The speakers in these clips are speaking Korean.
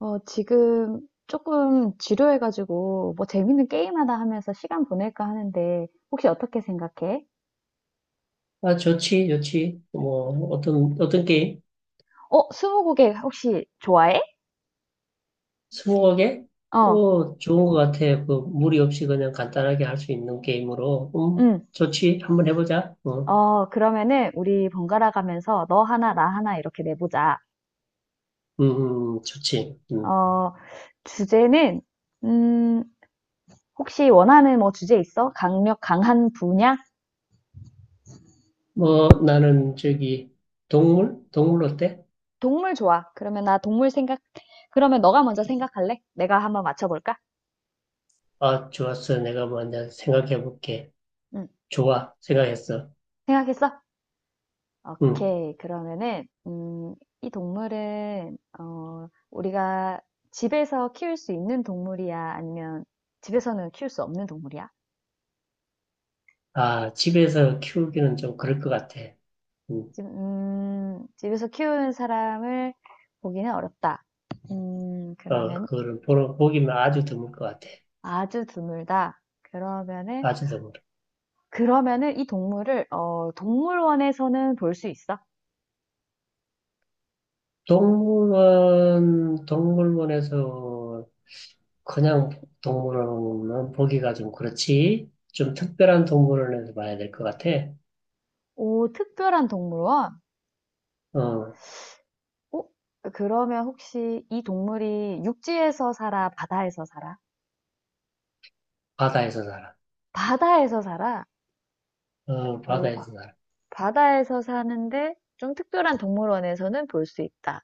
지금 조금 지루해가지고, 뭐 재밌는 게임 하나 하면서 시간 보낼까 하는데, 혹시 어떻게 생각해? 아, 좋지, 좋지. 뭐, 어떤 게임? 스무고개 혹시 좋아해? 스무고개? 어, 어, 좋은 것 같아. 그, 무리 없이 그냥 간단하게 할 수 있는 게임으로. 응. 좋지. 한번 해보자. 그러면은 우리 번갈아 가면서 너 하나, 나 하나 이렇게 내보자. 좋지. 음. 어, 주제는, 음, 혹시 원하는 뭐 주제 있어? 강한 분야? 뭐, 나는 저기, 동물? 동물 어때? 동물 좋아. 그러면 너가 먼저 생각할래? 내가 한번 맞춰볼까? 아, 좋았어. 내가 먼저 생각해볼게. 응. 좋아. 생각했어. 생각했어? 음. 오케이. 그러면은, 이 동물은, 우리가 집에서 키울 수 있는 동물이야? 아니면 집에서는 키울 수 없는 동물이야? 아, 집에서 키우기는 좀 그럴 것 같아. 음. 집에서 키우는 사람을 보기는 어렵다. 어, 그러면 보기만 아주 드물 것 같아. 아주 드물다. 그러면은, 아주 드물. 그러면은 이 동물을, 동물원에서는 볼 수 있어? 동물원에서 그냥 동물원은 보기가 좀 그렇지. 좀 특별한 동물원에서 봐야 될 것 같아. 오, 특별한 동물원? 어, 어? 그러면 혹시 이 동물이 육지에서 살아, 바다에서 살아? 바다에서 살아. 바다에서 살아. 어, 어, 바다에서 바, 살아. 바다에서 사는데 좀 특별한 동물원에서는 볼 수 있다.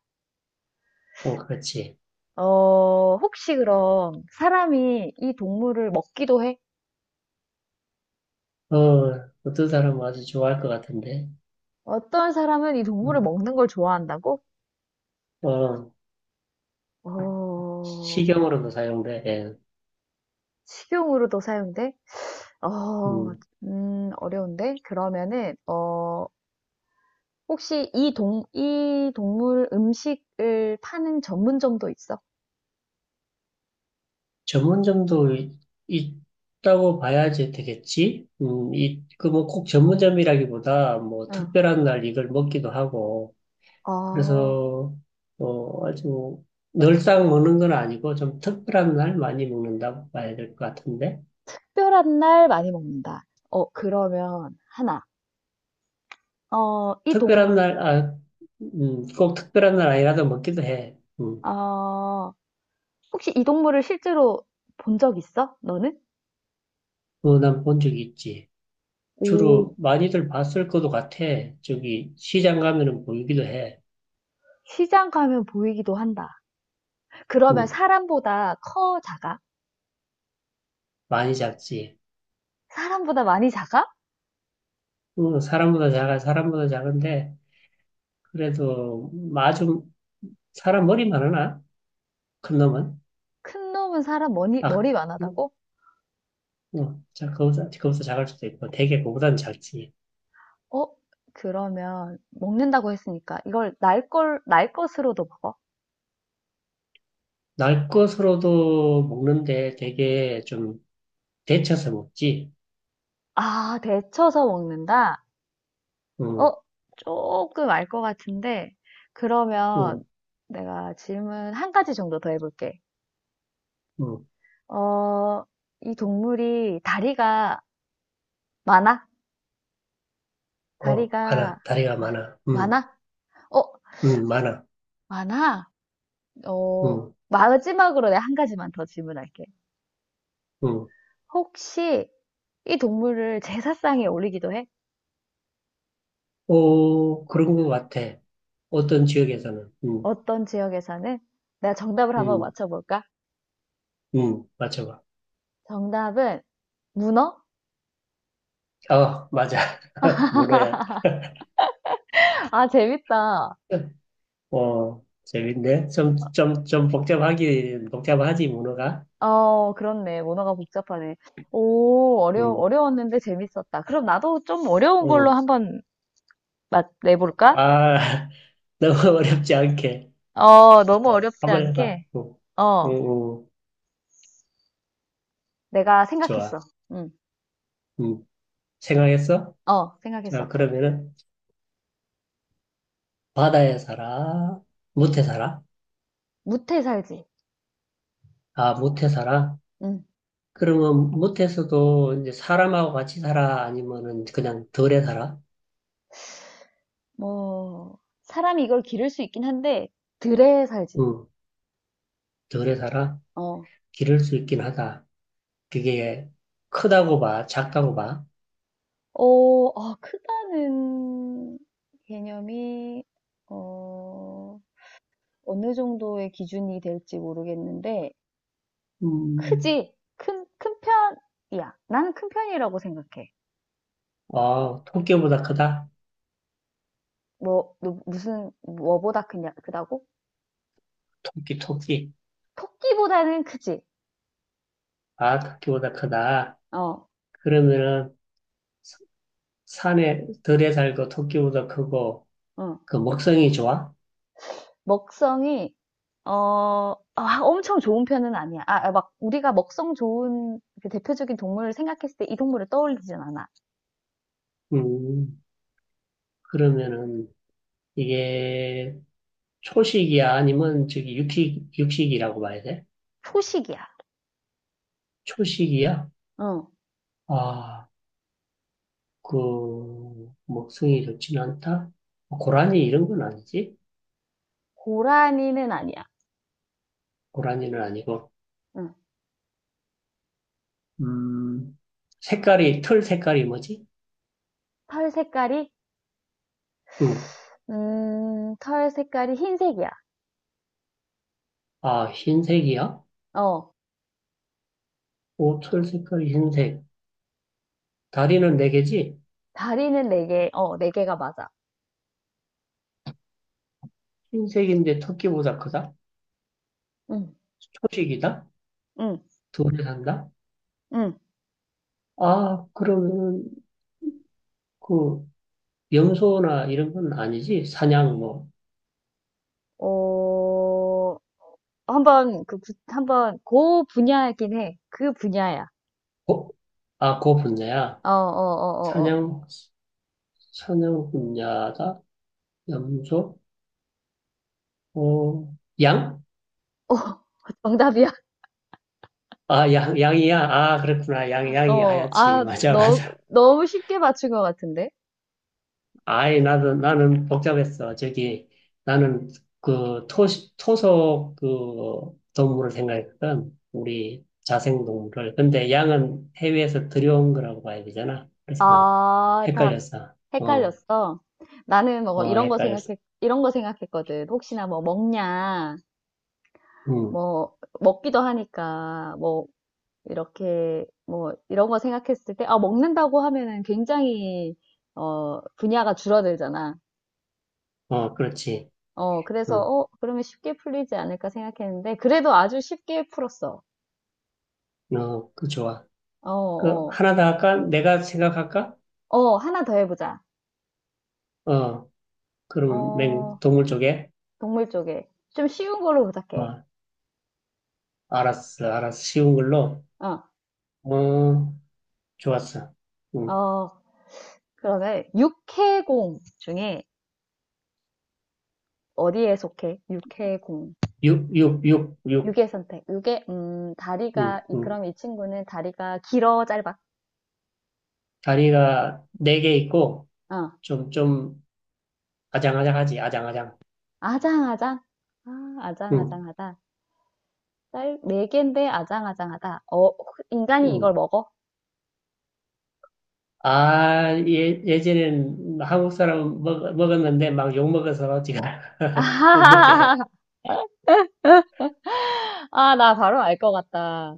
어, 그렇지. 혹시 그럼 사람이 이 동물을 먹기도 해? 어, 어떤 사람은 아주 좋아할 것 같은데. 어떤 사람은 이 동물을 음, 먹는 걸 좋아한다고? 어, 어, 식용으로도 사용돼. 예. 식용으로도 사용돼? 어, 음, 어려운데? 그러면은, 혹시 이 동물 음식을 파는 전문점도 있어? 전문점도 있다고 봐야지 되겠지. 이, 그 뭐 꼭 전문점이라기보다 뭐 응. 특별한 날 이걸 먹기도 하고. 어, 그래서 뭐 아주 뭐 늘상 먹는 건 아니고 좀 특별한 날 많이 먹는다고 봐야 될 것 같은데. 특별한 날 많이 먹는다. 그러면 하나. 어, 이 특별한 동물, 날, 아, 꼭 특별한 날 아니라도 먹기도 해. 어, 혹시 이 동물을 실제로 본 적 있어? 너는? 그거 난 본 적이 있지. 오, 주로 많이들 봤을 것도 같아. 저기 시장 가면은 보이기도 해. 시장 가면 보이기도 한다. 그러면 음, 사람보다 커, 작아? 많이 작지. 사람보다 많이 작아? 사람보다 작아, 사람보다 작은데 그래도 아주 사람 머리만 하나? 큰 놈은? 큰 놈은 사람 머리, 아, 머리 많아다고? 어, 자, 그거보다 작을 수도 있고, 되게 그거보단 작지. 어, 그러면 먹는다고 했으니까 이걸 날 것으로도 먹어? 날 것으로도 먹는데 되게 좀 데쳐서 먹지. 아, 데쳐서 먹는다? 응, 어, 조금 알 것 같은데, 그러면 응, 내가 질문 한 가지 정도 더 해볼게. 응. 어, 이 동물이 다리가 많아? 어, 다리가 많아. 다리가 마- 많아. 응, 많아? 어, 응, 많아. 많아? 어, 응, 마지막으로 내가 한 가지만 더 질문할게. 응. 혹시 이 동물을 제사상에 올리기도 해? 오, 그런 것 같아. 어떤 지역에서는. 응, 어떤 지역에서는? 내가 정답을 한번 응, 맞춰볼까? 응. 맞춰봐. 정답은 문어? 어, 맞아. 문어야. 아, 재밌다. 어, 재밌네. 좀 복잡하지, 문어가. 그렇네. 문화가 복잡하네. 오, 응, 어려웠는데 재밌었다. 그럼 나도 좀 어려운 걸로 응. 한번 맛 내볼까? 아. 너무 어렵지 않게. 너무 어, 어렵지 한번 해봐. 않게. 응, 응, 어, 응. 내가 좋아. 생각했어. 응, 응. 생각했어? 어, 자, 생각했어. 그러면은, 바다에 살아? 못해 살아? 무태 살지. 아, 못해 살아? 응, 그러면 못해서도 이제 사람하고 같이 살아? 아니면은 그냥 덜에 살아? 뭐, 사람이 이걸 기를 수 있긴 한데, 들에 살지. 응, 덜에 살아? 어, 기를 수 있긴 하다. 그게 크다고 봐, 작다고 봐. 크다는 개념이, 어, 어느 정도의 기준이 될지 모르겠는데, 음, 크지. 큰 편이야. 나는 큰 편이라고 생각해. 어, 토끼보다 크다? 뭐, 너 무슨, 뭐보다 크냐, 크다고? 토끼, 토끼. 토끼보다는 크지. 아, 토끼보다 크다. 어, 그러면은, 산에 덜에 살고 토끼보다 크고 응. 그 먹성이 좋아? 먹성이, 엄청 좋은 편은 아니야. 막, 우리가 먹성 좋은 그 대표적인 동물을 생각했을 때 이 동물을 떠올리진 않아. 음, 그러면은 이게 초식이야? 아니면 저기 육식이라고 봐야 돼? 초식이야. 초식이야? 응. 아, 그 먹성이 좋진 않다? 고라니 이런 건 아니지? 고라니는 아니야. 고라니는 아니고. 응. 음, 색깔이, 털 색깔이 뭐지? 털 색깔이, 음, 털 색깔이 흰색이야. 아, 흰색이야? 어. 오, 털 색깔이 흰색. 다리는 네 개지? 다리는 네 개가 맞아. 흰색인데 토끼보다 크다? 응, 초식이다? 응, 돈에 산다? 응. 아, 그러면은, 그, 염소나 이런 건 아니지? 사냥, 뭐, 어, 한번, 그 분야이긴 해. 그 분야야. 고, 아, 고 분야야. 어, 어, 어, 어, 어. 사냥, 사냥 분야다? 염소? 어, 양? 어, 정답이야. 아, 양이야. 아, 그렇구나. 양이 하얗지. 맞아, 맞아. 너무 쉽게 맞춘 것 같은데? 아이, 나도, 나는 복잡했어. 저기, 나는 그 토, 토속 그 동물을 생각했거든. 우리 자생동물을. 근데 양은 해외에서 들여온 거라고 봐야 되잖아. 그래서 난 아, 다 헷갈렸어. 어, 헷갈렸어. 나는 뭐 어, 헷갈렸어. 이런 거 생각했거든. 혹시나 뭐 먹냐, 응, 뭐, 먹기도 하니까, 뭐, 이렇게, 뭐, 이런 거 생각했을 때, 아, 먹는다고 하면은 굉장히, 분야가 줄어들잖아. 어, 그렇지. 그래서, 어 그러면 쉽게 풀리지 않을까 생각했는데, 그래도 아주 쉽게 풀었어. 어, 그 좋아. 어, 그, 어, 하나 더 할까? 내가 생각할까? 하나 더 해보자. 어, 그럼 맹, 어, 동물 쪽에? 동물 쪽에. 좀 쉬운 걸로 부탁해. 어, 알았어. 쉬운 걸로. 어, 어, 좋았어. 응. 어, 그러면, 육해공 중에 어디에 속해? 육해공. 육, 육의 선택. 응, 응. 그럼 이 친구는 다리가 길어, 짧아? 다리가 네 개 있고, 어, 좀, 좀, 아장아장. 아장아장? 아, 응, 아장아장하다. 네 개인데 아장아장하다. 인간이 응. 이걸 먹어? 아, 예, 예전엔 한국 사람 먹었는데 막 욕 먹어서 지금 못 먹게 아하하하. 해. 아, 나 바로 알 것 같다.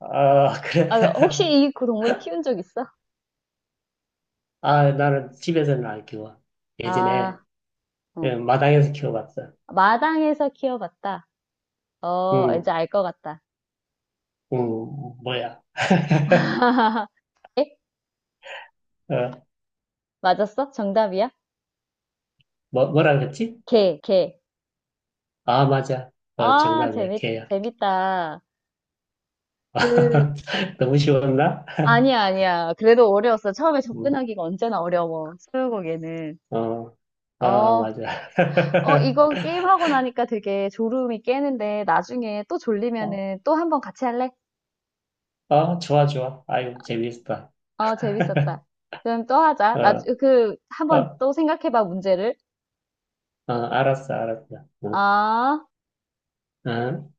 아, 그래. 아, 혹시 이 그 동물을 키운 적 있어? 아, 나는 집에서는 안 키워. 예전에 아, 예, 어. 마당에서 키워봤어. 마당에서 키워봤다. 응, 이제 알 것 같다. 응, 뭐야. 에? 어, 맞았어? 정답이야? 뭐라 그랬지? 개, 개. 아, 맞아. 어, 아, 정답이야, 개야. 재밌다. 그, 너무 쉬웠나? 아니야, 아니야. 그래도 어려웠어. 처음에 음, 접근하기가 언제나 어려워. 스무고개는. 어, 아, 어, 맞아. 이거 게임하고 나니까 되게 졸음이 깨는데 나중에 또 어, 졸리면은 또 한 번 같이 할래? 어, 좋아. 아유, 재밌다. 재밌었다. 그럼 또 하자. 어, 한번 어, 또 생각해봐, 문제를. 어, 알았어. 어, 아. 어.